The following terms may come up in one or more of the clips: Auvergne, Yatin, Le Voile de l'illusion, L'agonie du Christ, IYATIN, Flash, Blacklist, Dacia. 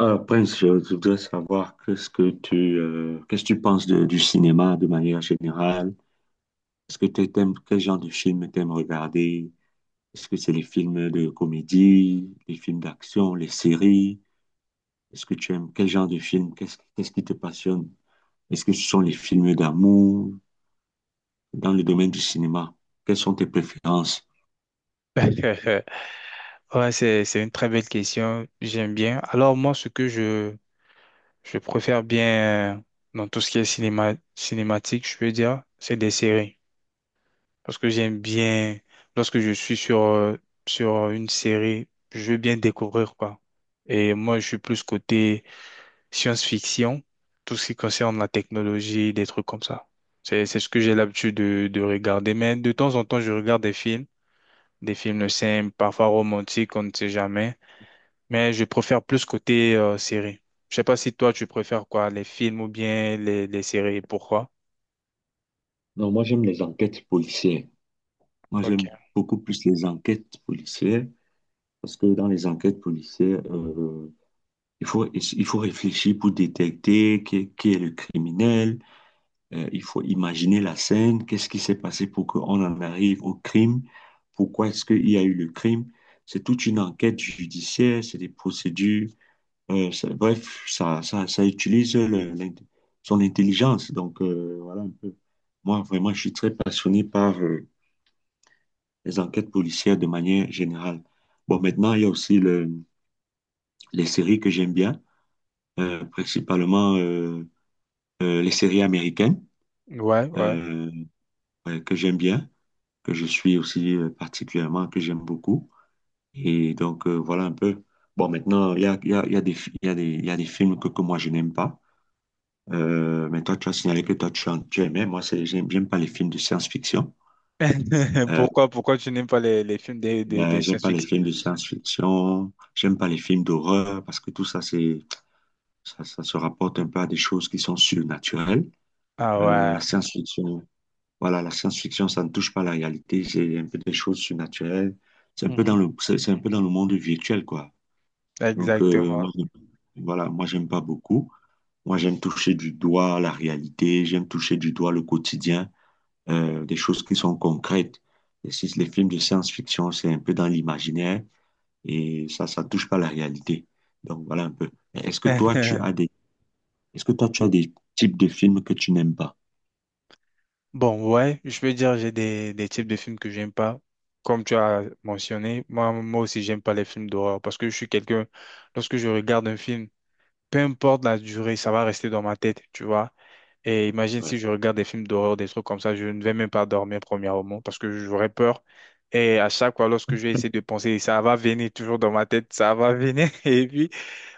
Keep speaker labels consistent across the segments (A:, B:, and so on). A: Prince, je voudrais savoir qu'est-ce que tu penses du cinéma de manière générale? Est-ce que tu t'aimes quel genre de film t'aimes regarder? Est-ce que c'est les films de comédie, les films d'action, les séries? Est-ce que tu aimes quel genre de film? Qu'est-ce qui te passionne? Est-ce que ce sont les films d'amour dans le domaine du cinéma? Quelles sont tes préférences?
B: Ouais, c'est une très belle question. J'aime bien. Alors, moi, ce que je préfère bien dans tout ce qui est cinéma, cinématique, je peux dire, c'est des séries. Parce que j'aime bien, lorsque je suis sur une série, je veux bien découvrir, quoi. Et moi, je suis plus côté science-fiction, tout ce qui concerne la technologie, des trucs comme ça. C'est ce que j'ai l'habitude de regarder. Mais de temps en temps, je regarde des films simples, parfois romantiques, on ne sait jamais. Mais je préfère plus côté série. Je sais pas si toi, tu préfères quoi, les films ou bien les séries. Pourquoi?
A: Non, moi j'aime les enquêtes policières. Moi
B: Ok.
A: j'aime beaucoup plus les enquêtes policières parce que dans les enquêtes policières, il faut, il faut réfléchir pour détecter qui est le criminel. Il faut imaginer la scène. Qu'est-ce qui s'est passé pour qu'on en arrive au crime? Pourquoi est-ce qu'il y a eu le crime? C'est toute une enquête judiciaire, c'est des procédures. Bref, ça utilise son intelligence. Donc, voilà un peu. Moi, vraiment, je suis très passionné par les enquêtes policières de manière générale. Bon, maintenant, il y a aussi les séries que j'aime bien, principalement. Les séries américaines
B: Ouais, ouais.
A: euh, ouais, que j'aime bien, que je suis aussi particulièrement, que j'aime beaucoup. Et donc, voilà un peu. Bon, maintenant, il y a, il y a, il y a des, fi- il y a des, il y a des films que moi, je n'aime pas. Mais toi, tu as signalé que toi, tu aimais. Moi, c'est, j'aime pas les films de science-fiction. Euh,
B: Pourquoi tu n'aimes pas les films de
A: ben, j'aime pas les
B: science-fiction?
A: films de science-fiction. J'aime pas les films d'horreur parce que tout ça, ça se rapporte un peu à des choses qui sont surnaturelles.
B: Ah
A: Euh,
B: ouais.
A: la science-fiction. Voilà, la science-fiction, ça ne touche pas la réalité, c'est un peu des choses surnaturelles, c'est un peu
B: Mhm.
A: dans le, c'est un peu dans le monde virtuel, quoi. Donc,
B: Exactement.
A: moi, j'aime pas beaucoup. Moi, j'aime toucher du doigt la réalité, j'aime toucher du doigt le quotidien, des choses qui sont concrètes. Et si les films de science-fiction, c'est un peu dans l'imaginaire, et ça touche pas la réalité. Donc, voilà un peu. Mais Est-ce que toi, tu as des, est-ce que toi, tu as des types de films que tu n'aimes pas?
B: Bon, ouais, je peux dire j'ai des types de films que j'aime pas. Comme tu as mentionné, moi, moi aussi, j'aime pas les films d'horreur parce que je suis quelqu'un, lorsque je regarde un film, peu importe la durée, ça va rester dans ma tête, tu vois. Et imagine
A: Ouais.
B: si je regarde des films d'horreur, des trucs comme ça, je ne vais même pas dormir premièrement parce que j'aurais peur. Et à chaque fois, lorsque je vais essayer de penser, ça va venir toujours dans ma tête, ça va venir. Et puis,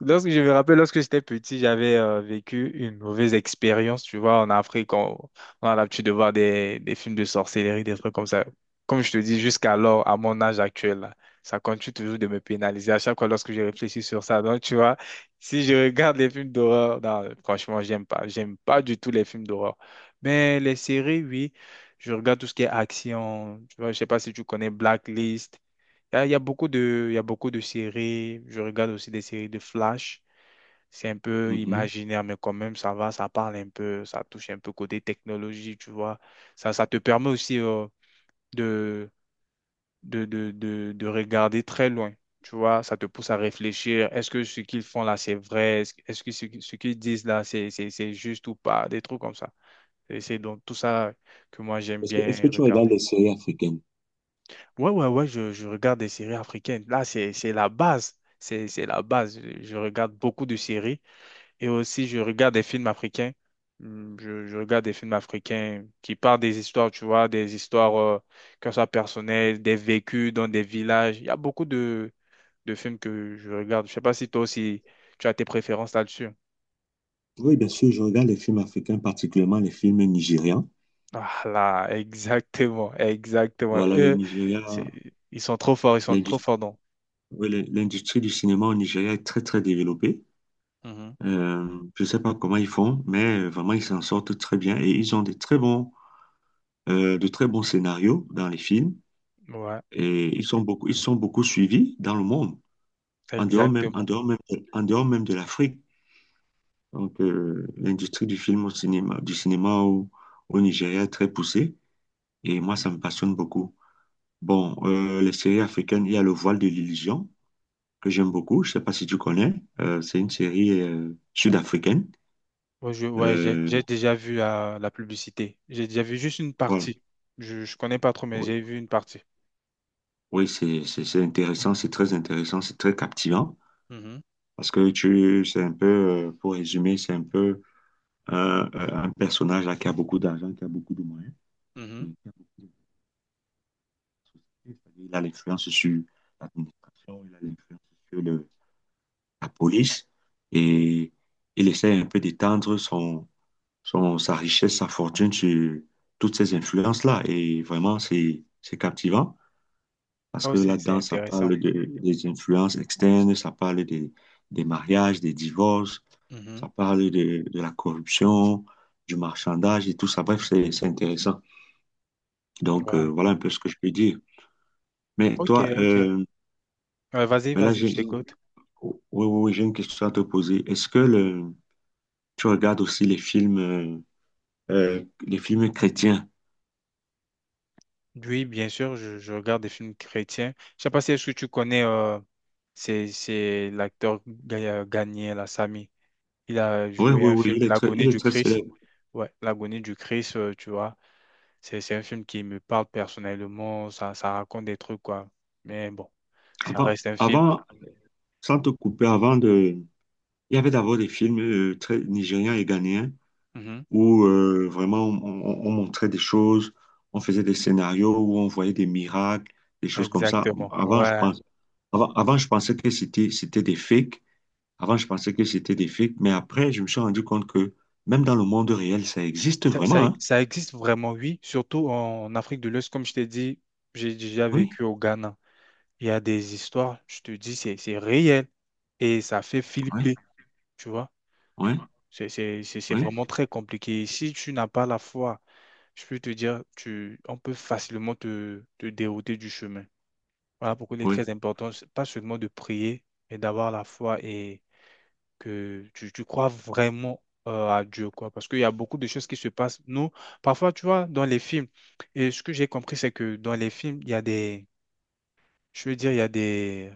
B: lorsque je me rappelle, lorsque j'étais petit, j'avais vécu une mauvaise expérience. Tu vois, en Afrique, on a l'habitude de voir des films de sorcellerie, des trucs comme ça. Comme je te dis, jusqu'alors, à mon âge actuel, là, ça continue toujours de me pénaliser à chaque fois lorsque je réfléchis sur ça. Donc, tu vois, si je regarde les films d'horreur, non, franchement, j'aime pas. J'aime pas du tout les films d'horreur. Mais les séries, oui, je regarde tout ce qui est action. Tu vois, je sais pas si tu connais Blacklist. Il y a beaucoup de séries. Je regarde aussi des séries de Flash. C'est un peu
A: Mhm.
B: imaginaire, mais quand même, ça va, ça parle un peu, ça touche un peu côté technologie, tu vois. Ça te permet aussi de, de regarder très loin, tu vois. Ça te pousse à réfléchir. Est-ce que ce qu'ils font là, c'est vrai? Est-ce que ce qu'ils disent là, c'est juste ou pas? Des trucs comme ça. Et c'est donc tout ça que moi, j'aime
A: Est-ce que
B: bien
A: tu
B: regarder.
A: regardes les séries africaines?
B: Ouais, ouais, ouais, je regarde des séries africaines. Là, c'est la base. C'est la base. Je regarde beaucoup de séries et aussi je regarde des films africains. Je regarde des films africains qui parlent des histoires, tu vois, des histoires, que ce soit personnelles, des vécus dans des villages. Il y a beaucoup de films que je regarde. Je sais pas si toi aussi tu as tes préférences là-dessus.
A: Oui, bien sûr, je regarde les films africains, particulièrement les films nigérians.
B: Ah là, exactement, exactement.
A: Voilà, le
B: Eux,
A: Nigeria,
B: c'est- ils sont trop forts, ils sont trop
A: l'industrie,
B: forts, non?
A: oui, l'industrie du cinéma au Nigeria est très, très développée. Euh, je ne sais pas comment ils font, mais vraiment, ils s'en sortent très bien et ils ont des très bons, de très bons scénarios dans les films
B: Mhm. Ouais,
A: et ils sont beaucoup suivis dans le monde,
B: exactement.
A: en dehors même de l'Afrique. Donc, l'industrie du film au cinéma, du cinéma au Nigeria est très poussée et moi, ça me passionne beaucoup. Bon, les séries africaines, il y a Le Voile de l'illusion, que j'aime beaucoup. Je sais pas si tu connais. C'est une série sud-africaine.
B: Ouais, je- ouais, j'ai
A: Euh,
B: déjà vu la, la publicité. J'ai déjà vu juste une
A: voilà.
B: partie. Je connais pas trop, mais
A: Oui,
B: j'ai vu une partie.
A: Oui, c'est intéressant, c'est très captivant.
B: Mhm,
A: Parce que c'est un peu, pour résumer, c'est un peu un personnage là, qui a beaucoup d'argent, qui a beaucoup de moyens, et
B: mhm,
A: qui a beaucoup de société. C'est-à-dire, il a l'influence sur l'administration, il a l'influence sur le- la police. Et il essaie un peu d'étendre sa richesse, sa fortune sur toutes ces influences-là. Et vraiment, c'est captivant parce
B: Oh,
A: que
B: c'est
A: là-dedans,
B: intéressant.
A: des influences externes, des mariages, des divorces,
B: Mhm.
A: de la corruption, du marchandage et tout ça. Bref, c'est intéressant. Donc,
B: Ouais.
A: voilà un peu ce que je peux dire. Mais
B: Ok,
A: toi,
B: ok. Ouais, vas-y,
A: mais là,
B: vas-y, je
A: j'ai-
B: t'écoute.
A: oh, oui, oui, oui, j'ai une question à te poser. Est-ce que tu regardes aussi les films chrétiens?
B: Oui, bien sûr, je regarde des films chrétiens. Je sais pas si est-ce que tu connais, c'est l'acteur Gagné, la Sami. Il a
A: Oui,
B: joué
A: oui,
B: un
A: oui,
B: film,
A: il
B: L'agonie
A: est
B: du
A: très
B: Christ.
A: célèbre.
B: Ouais, L'agonie du Christ, tu vois. C'est un film qui me parle personnellement, ça raconte des trucs, quoi. Mais bon, ça
A: Avant,
B: reste un film.
A: avant, sans te couper, avant de... Il y avait d'abord des films très nigérians et ghanéens
B: Mhm.
A: où vraiment on montrait des choses, on faisait des scénarios où on voyait des miracles, des choses comme ça.
B: Exactement,
A: Avant, je
B: ouais.
A: pense, avant, avant, je pensais que c'était des fakes. Avant, je pensais que c'était des fakes. Mais après, je me suis rendu compte que même dans le monde réel, ça existe
B: Ça, ça,
A: vraiment, hein.
B: ça existe vraiment, oui, surtout en Afrique de l'Ouest, comme je t'ai dit, j'ai déjà
A: Oui,
B: vécu au Ghana. Il y a des histoires, je te dis, c'est réel et ça fait
A: oui,
B: flipper, tu vois.
A: oui,
B: C'est
A: oui,
B: vraiment très compliqué. Si tu n'as pas la foi, je peux te dire, on peut facilement te dérouter du chemin. Voilà pourquoi il est très
A: oui.
B: important, c'est pas seulement de prier, mais d'avoir la foi et que tu crois vraiment à Dieu, quoi. Parce qu'il y a beaucoup de choses qui se passent. Nous, parfois, tu vois, dans les films, et ce que j'ai compris, c'est que dans les films, il y a des, je veux dire,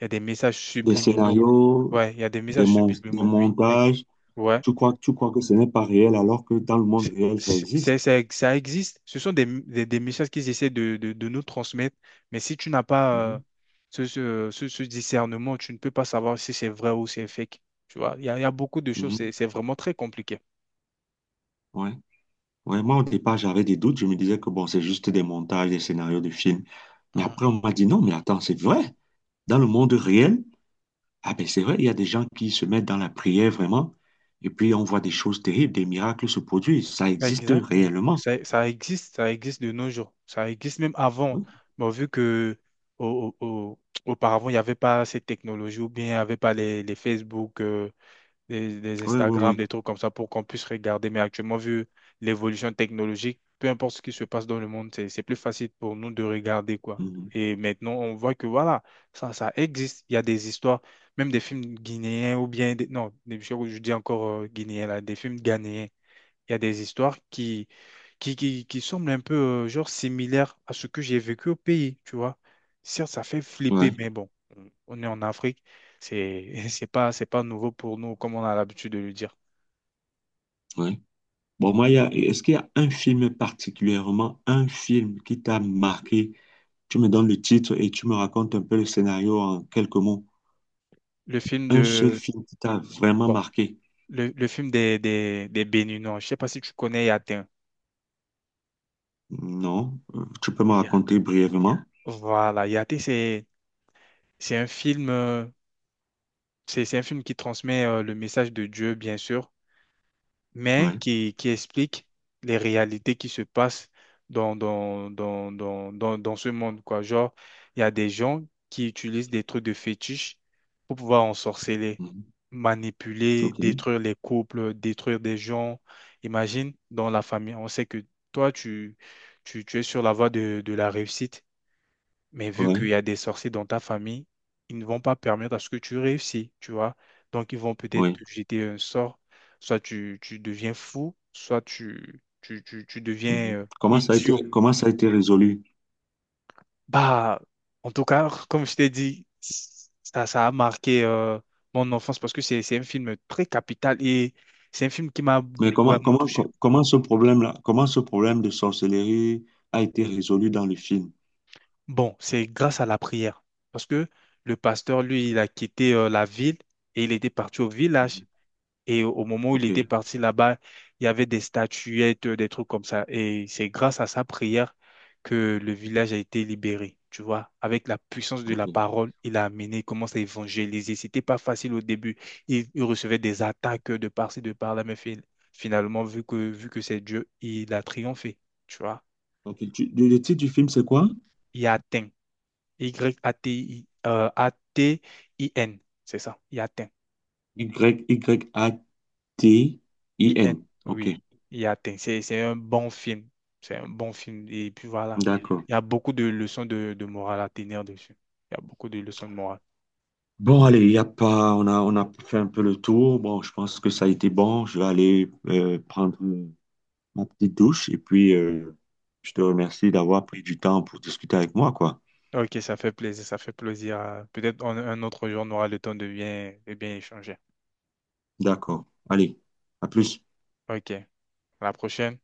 B: il y a des messages
A: Des
B: subliminaux.
A: scénarios,
B: Ouais, il y a des messages
A: des
B: subliminaux, oui.
A: montages.
B: Ouais.
A: Tu crois que ce n'est pas réel alors que dans le monde réel, ça existe.
B: Ça existe. Ce sont des messages qu'ils essaient de nous transmettre. Mais si tu n'as pas
A: Mhm,
B: ce discernement, tu ne peux pas savoir si c'est vrai ou c'est fake. Tu vois, il y a beaucoup de choses.
A: mhm,
B: C'est vraiment très compliqué.
A: ouais. Ouais, moi, au départ, j'avais des doutes. Je me disais que bon, c'est juste des montages, des scénarios de films. Mais après,
B: Mhm.
A: on m'a dit non, mais attends, c'est vrai. Dans le monde réel, ah ben, c'est vrai, il y a des gens qui se mettent dans la prière vraiment. Et puis, on voit des choses terribles, des miracles se produisent. Ça existe
B: Exactement.
A: réellement.
B: Ça existe, ça existe de nos jours. Ça existe même avant.
A: Oui,
B: Bon, vu que au, au- au- auparavant, il n'y avait pas ces technologies ou bien il n'y avait pas les Facebook. Des
A: oui,
B: Instagram,
A: oui.
B: des trucs comme ça pour qu'on puisse regarder. Mais actuellement, vu l'évolution technologique, peu importe ce qui se passe dans le monde, c'est plus facile pour nous de regarder, quoi.
A: Mhm.
B: Et maintenant, on voit que voilà, ça existe. Il y a des histoires, même des films guinéens ou bien, non, je dis encore guinéens, là, des films ghanéens. Il y a des histoires qui semblent un peu genre similaires à ce que j'ai vécu au pays, tu vois. Certes, ça fait flipper,
A: Ouais,
B: mais bon, on est en Afrique, c'est c'est pas nouveau pour nous comme on a l'habitude de le dire.
A: ouais. Bon, moi, est-ce qu'il y a un film particulièrement, un film qui t'a marqué? Tu me donnes le titre et tu me racontes un peu le scénario en quelques mots.
B: Le film
A: Un seul
B: de
A: film qui t'a vraiment
B: bon,
A: marqué?
B: le film des Béninois, je sais pas si tu connais Yatin.
A: Non. Tu peux me
B: Ya-
A: raconter brièvement?
B: Voilà, Yatin c'est un film c'est un film qui transmet le message de Dieu bien sûr mais
A: Ouais.
B: qui explique les réalités qui se passent dans ce monde, quoi. Genre, il y a des gens qui utilisent des trucs de fétiche pour pouvoir ensorceler,
A: Mhm.
B: manipuler,
A: Ok.
B: détruire les couples, détruire des gens. Imagine, dans la famille, on sait que toi, tu es sur la voie de la réussite. Mais vu qu'il
A: Ouais.
B: y a des sorciers dans ta famille, ils ne vont pas permettre à ce que tu réussisses, tu vois. Donc, ils vont peut-être
A: Oui.
B: te jeter un sort. Soit tu deviens fou, soit tu deviens
A: Mhm.
B: idiot.
A: Comment ça a été résolu?
B: Bah, en tout cas, comme je t'ai dit, ça a marqué mon enfance parce que c'est un film très capital et c'est un film qui m'a
A: Mais comment,
B: vraiment
A: comment,
B: touché.
A: co- comment ce problème-là, comment ce problème de sorcellerie a été résolu dans le film?
B: Bon, c'est grâce à la prière parce que le pasteur, lui, il a quitté la ville et il était parti au village.
A: Mhm.
B: Et au moment où il
A: Ok.
B: était parti là-bas, il y avait des statuettes, des trucs comme ça. Et c'est grâce à sa prière que le village a été libéré. Tu vois, avec la puissance de
A: Ok.
B: la parole, il a amené, il commence à évangéliser. C'était pas facile au début. Il recevait des attaques de par-ci, de par-là, mais finalement, vu que c'est Dieu, il a triomphé. Tu vois,
A: Ok. Tu- le titre du film, c'est quoi?
B: il a atteint. Y-A-T-I, A-T-I-N, c'est ça, il a atteint. IN,
A: YYATIN. Ok.
B: oui. il atteint C'est un bon film. C'est un bon film. Et puis voilà,
A: D'accord.
B: il y a beaucoup de leçons de morale à tenir dessus. Il y a beaucoup de leçons de morale.
A: Bon, allez, y a pas, on a fait un peu le tour. Bon, je pense que ça a été bon. Je vais aller prendre ma petite douche et puis je te remercie d'avoir pris du temps pour discuter avec moi, quoi.
B: Ok, ça fait plaisir, ça fait plaisir. Peut-être un autre jour, on aura le temps de bien échanger.
A: D'accord. Allez, à plus.
B: Ok, à la prochaine.